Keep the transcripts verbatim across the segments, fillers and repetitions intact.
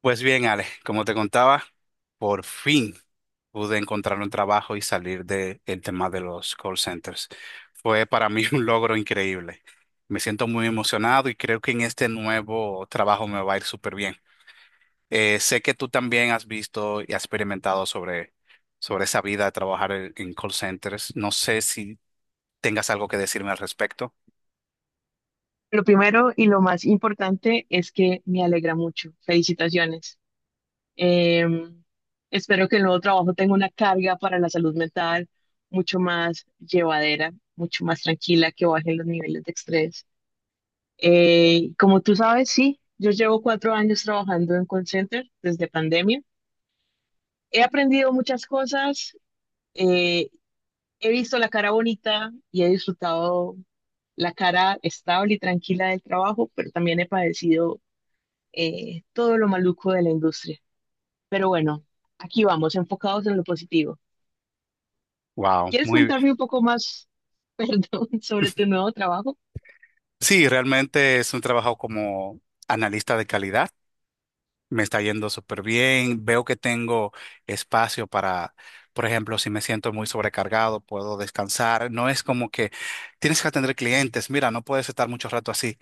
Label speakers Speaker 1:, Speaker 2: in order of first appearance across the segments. Speaker 1: Pues bien, Ale, como te contaba, por fin pude encontrar un trabajo y salir del tema de los call centers. Fue para mí un logro increíble. Me siento muy emocionado y creo que en este nuevo trabajo me va a ir súper bien. Eh, sé que tú también has visto y has experimentado sobre, sobre esa vida de trabajar en, en call centers. No sé si tengas algo que decirme al respecto.
Speaker 2: Lo primero y lo más importante es que me alegra mucho. Felicitaciones. Eh, Espero que el nuevo trabajo tenga una carga para la salud mental mucho más llevadera, mucho más tranquila, que bajen los niveles de estrés. Eh, como tú sabes, sí, yo llevo cuatro años trabajando en call center desde pandemia. He aprendido muchas cosas, eh, he visto la cara bonita y he disfrutado la cara estable y tranquila del trabajo, pero también he padecido eh, todo lo maluco de la industria. Pero bueno, aquí vamos, enfocados en lo positivo.
Speaker 1: Wow,
Speaker 2: ¿Quieres
Speaker 1: muy bien.
Speaker 2: contarme un poco más, perdón, sobre tu nuevo trabajo?
Speaker 1: Sí, realmente es un trabajo como analista de calidad. Me está yendo súper bien. Veo que tengo espacio para, por ejemplo, si me siento muy sobrecargado, puedo descansar. No es como que tienes que atender clientes. Mira, no puedes estar mucho rato así.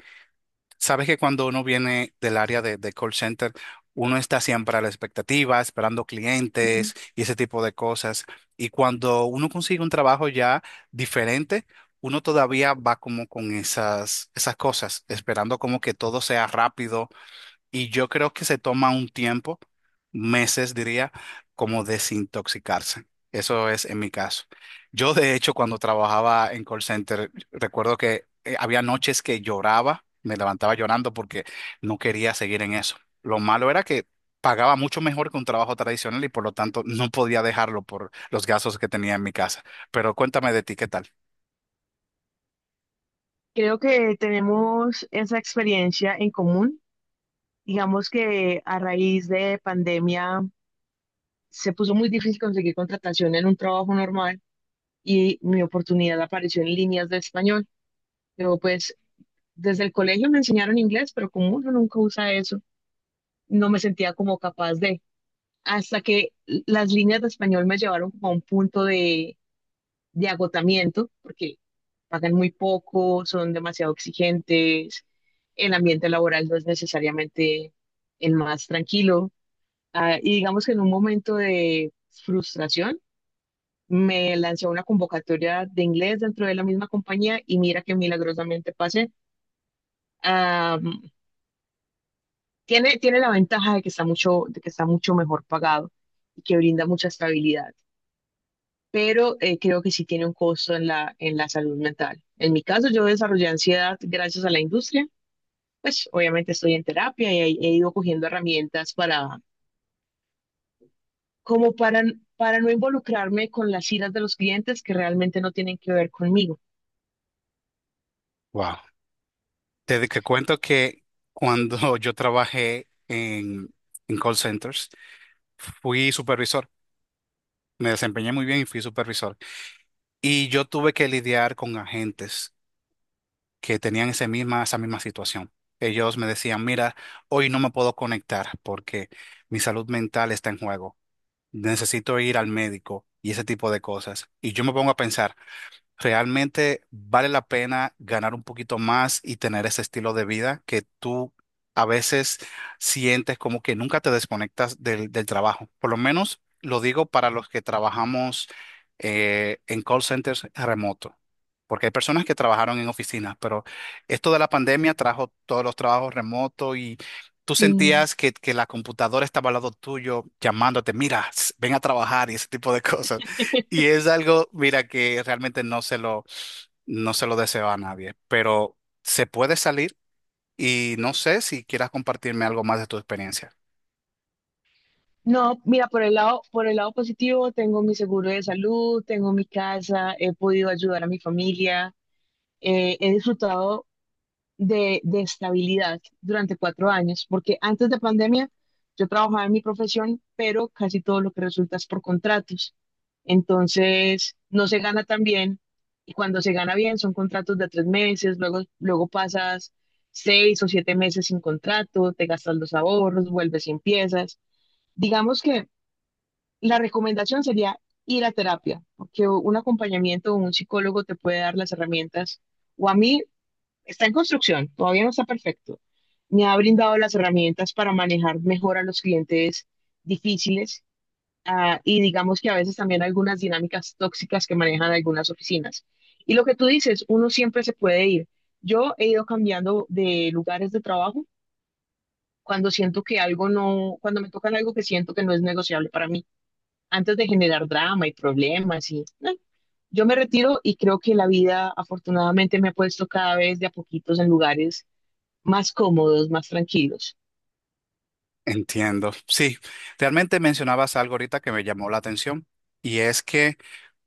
Speaker 1: Sabes que cuando uno viene del área de, de call center, uno está siempre a la expectativa, esperando
Speaker 2: Sí.
Speaker 1: clientes y ese tipo de cosas. Y cuando uno consigue un trabajo ya diferente, uno todavía va como con esas, esas cosas, esperando como que todo sea rápido y yo creo que se toma un tiempo, meses diría, como desintoxicarse. Eso es en mi caso. Yo, de hecho, cuando trabajaba en call center, recuerdo que eh, había noches que lloraba, me levantaba llorando porque no quería seguir en eso. Lo malo era que pagaba mucho mejor que un trabajo tradicional y por lo tanto no podía dejarlo por los gastos que tenía en mi casa. Pero cuéntame de ti, ¿qué tal?
Speaker 2: Creo que tenemos esa experiencia en común. Digamos que a raíz de pandemia se puso muy difícil conseguir contratación en un trabajo normal y mi oportunidad apareció en líneas de español. Pero pues desde el colegio me enseñaron inglés, pero como uno nunca usa eso, no me sentía como capaz de, hasta que las líneas de español me llevaron como a un punto de, de agotamiento, porque pagan muy poco, son demasiado exigentes, el ambiente laboral no es necesariamente el más tranquilo. Ah, y digamos que en un momento de frustración me lancé a una convocatoria de inglés dentro de la misma compañía y mira que milagrosamente pasé. Ah, tiene, tiene la ventaja de que está mucho, de que está mucho mejor pagado y que brinda mucha estabilidad, pero eh, creo que sí tiene un costo en la, en la salud mental. En mi caso, yo desarrollé ansiedad gracias a la industria. Pues obviamente estoy en terapia y he, he ido cogiendo herramientas para, como para, para no involucrarme con las iras de los clientes que realmente no tienen que ver conmigo.
Speaker 1: Wow. Te, te cuento que cuando yo trabajé en, en call centers, fui supervisor, me desempeñé muy bien y fui supervisor. Y yo tuve que lidiar con agentes que tenían ese misma, esa misma situación. Ellos me decían, mira, hoy no me puedo conectar porque mi salud mental está en juego. Necesito ir al médico y ese tipo de cosas. Y yo me pongo a pensar. Realmente vale la pena ganar un poquito más y tener ese estilo de vida que tú a veces sientes como que nunca te desconectas del, del trabajo. Por lo menos lo digo para los que trabajamos eh, en call centers remoto, porque hay personas que trabajaron en oficinas, pero esto de la pandemia trajo todos los trabajos remotos y tú
Speaker 2: Sí.
Speaker 1: sentías que, que la computadora estaba al lado tuyo llamándote, mira, s- ven a trabajar y ese tipo de cosas. Y es algo, mira, que realmente no se lo, no se lo deseo a nadie, pero se puede salir y no sé si quieras compartirme algo más de tu experiencia.
Speaker 2: No, mira, por el lado, por el lado positivo, tengo mi seguro de salud, tengo mi casa, he podido ayudar a mi familia, eh, he disfrutado de, de estabilidad durante cuatro años, porque antes de pandemia yo trabajaba en mi profesión, pero casi todo lo que resulta es por contratos. Entonces, no se gana tan bien y cuando se gana bien son contratos de tres meses, luego, luego pasas seis o siete meses sin contrato, te gastas los ahorros, vuelves y empiezas. Digamos que la recomendación sería ir a terapia, porque un acompañamiento o un psicólogo te puede dar las herramientas. O a mí, está en construcción, todavía no está perfecto. Me ha brindado las herramientas para manejar mejor a los clientes difíciles, ah, y digamos que a veces también algunas dinámicas tóxicas que manejan algunas oficinas. Y lo que tú dices, uno siempre se puede ir. Yo he ido cambiando de lugares de trabajo cuando siento que algo no, cuando me tocan algo que siento que no es negociable para mí, antes de generar drama y problemas y no, yo me retiro y creo que la vida afortunadamente me ha puesto cada vez de a poquitos en lugares más cómodos, más tranquilos.
Speaker 1: Entiendo. Sí, realmente mencionabas algo ahorita que me llamó la atención y es que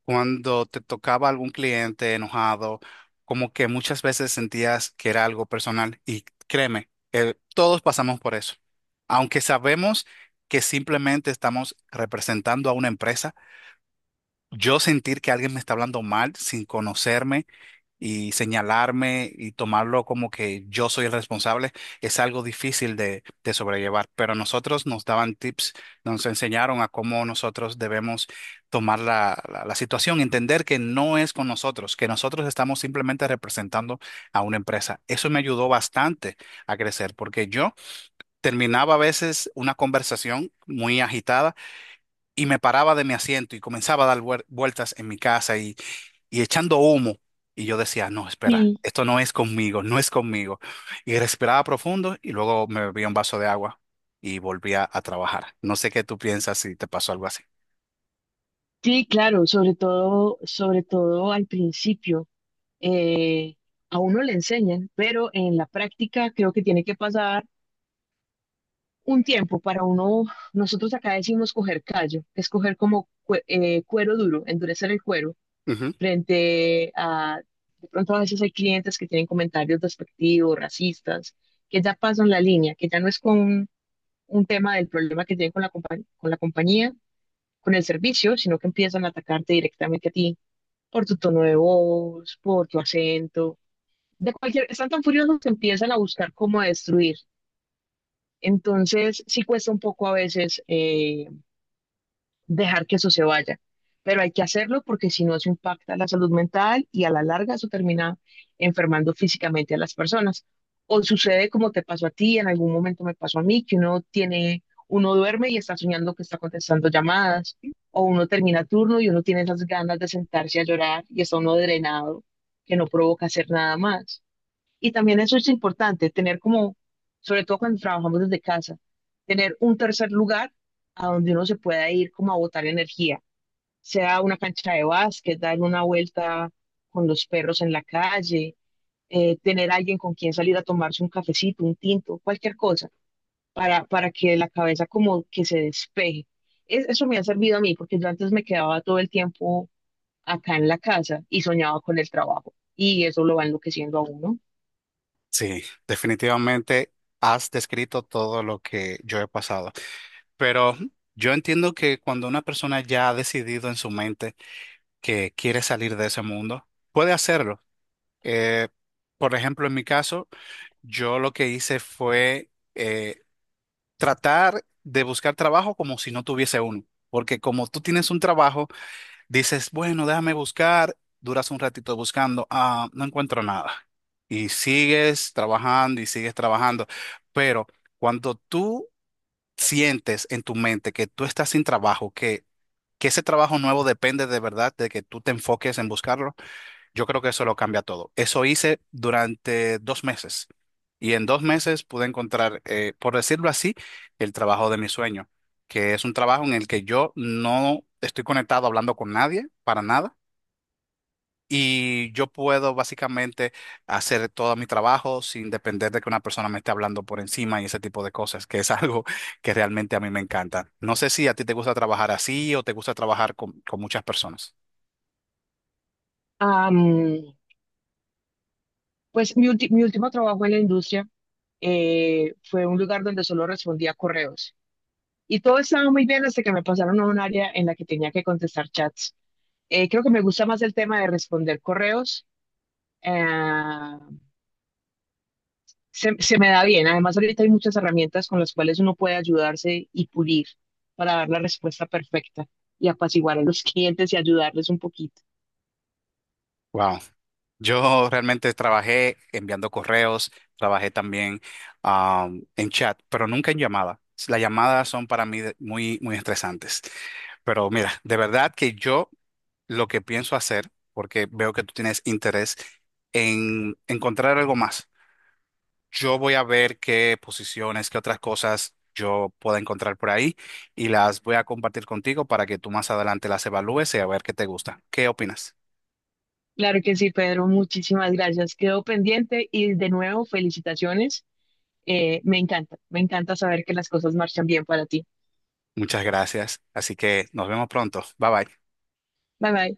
Speaker 1: cuando te tocaba algún cliente enojado, como que muchas veces sentías que era algo personal y créeme, eh, todos pasamos por eso. Aunque sabemos que simplemente estamos representando a una empresa, yo sentir que alguien me está hablando mal sin conocerme y señalarme y tomarlo como que yo soy el responsable es algo difícil de, de sobrellevar. Pero a nosotros nos daban tips, nos enseñaron a cómo nosotros debemos tomar la, la, la situación, entender que no es con nosotros, que nosotros estamos simplemente representando a una empresa. Eso me ayudó bastante a crecer porque yo terminaba a veces una conversación muy agitada y me paraba de mi asiento y comenzaba a dar vuel- vueltas en mi casa y, y echando humo. Y yo decía, no, espera,
Speaker 2: Sí.
Speaker 1: esto no es conmigo, no es conmigo. Y respiraba profundo y luego me bebía un vaso de agua y volvía a trabajar. No sé qué tú piensas si te pasó algo así.
Speaker 2: Sí, claro, sobre todo, sobre todo al principio, eh, a uno le enseñan, pero en la práctica creo que tiene que pasar un tiempo para uno, nosotros acá decimos coger callo, es coger como cue- eh, cuero duro, endurecer el cuero
Speaker 1: Ujú.
Speaker 2: frente a, de pronto a veces hay clientes que tienen comentarios despectivos, racistas, que ya pasan la línea, que ya no es con un tema del problema que tienen con la, compa- con la compañía, con el servicio, sino que empiezan a atacarte directamente a ti por tu tono de voz, por tu acento, de cualquier, están tan furiosos que empiezan a buscar cómo destruir. Entonces, sí cuesta un poco a veces eh, dejar que eso se vaya. Pero hay que hacerlo porque si no eso impacta a la salud mental y a la larga eso termina enfermando físicamente a las personas. O sucede como te pasó a ti, en algún momento me pasó a mí, que uno tiene, uno duerme y está soñando que está contestando llamadas, o uno termina turno y uno tiene esas ganas de sentarse a llorar y está uno drenado, que no provoca hacer nada más. Y también eso es importante, tener como, sobre todo cuando trabajamos desde casa, tener un tercer lugar a donde uno se pueda ir como a botar energía, sea una cancha de básquet, dar una vuelta con los perros en la calle, eh, tener alguien con quien salir a tomarse un cafecito, un tinto, cualquier cosa, para, para que la cabeza como que se despeje. Es- eso me ha servido a mí, porque yo antes me quedaba todo el tiempo acá en la casa y soñaba con el trabajo, y eso lo va enloqueciendo a uno.
Speaker 1: Sí, definitivamente has descrito todo lo que yo he pasado. Pero yo entiendo que cuando una persona ya ha decidido en su mente que quiere salir de ese mundo, puede hacerlo. Eh, por ejemplo, en mi caso, yo lo que hice fue eh, tratar de buscar trabajo como si no tuviese uno, porque como tú tienes un trabajo, dices, bueno, déjame buscar, duras un ratito buscando, ah, no encuentro nada. Y sigues trabajando y sigues trabajando. Pero cuando tú sientes en tu mente que tú estás sin trabajo, que, que ese trabajo nuevo depende de verdad de que tú te enfoques en buscarlo, yo creo que eso lo cambia todo. Eso hice durante dos meses y en dos meses pude encontrar, eh, por decirlo así, el trabajo de mi sueño, que es un trabajo en el que yo no estoy conectado hablando con nadie para nada y yo puedo básicamente hacer todo mi trabajo sin depender de que una persona me esté hablando por encima y ese tipo de cosas, que es algo que realmente a mí me encanta. No sé si a ti te gusta trabajar así o te gusta trabajar con, con muchas personas.
Speaker 2: Am, Pues mi, ulti- mi último trabajo en la industria eh, fue un lugar donde solo respondía correos. Y todo estaba muy bien hasta que me pasaron a un área en la que tenía que contestar chats. Eh, creo que me gusta más el tema de responder correos. eh, se, se me da bien. Además, ahorita hay muchas herramientas con las cuales uno puede ayudarse y pulir para dar la respuesta perfecta y apaciguar a los clientes y ayudarles un poquito.
Speaker 1: Wow. Yo realmente trabajé enviando correos, trabajé también am, en chat, pero nunca en llamada. Las llamadas son para mí de- muy, muy estresantes. Pero mira, de verdad que yo lo que pienso hacer, porque veo que tú tienes interés en encontrar algo más, yo voy a ver qué posiciones, qué otras cosas yo pueda encontrar por ahí y las voy a compartir contigo para que tú más adelante las evalúes y a ver qué te gusta. ¿Qué opinas?
Speaker 2: Claro que sí, Pedro. Muchísimas gracias. Quedo pendiente y de nuevo felicitaciones. Eh, me encanta, me encanta saber que las cosas marchan bien para ti.
Speaker 1: Muchas gracias. Así que nos vemos pronto. Bye bye.
Speaker 2: Bye bye.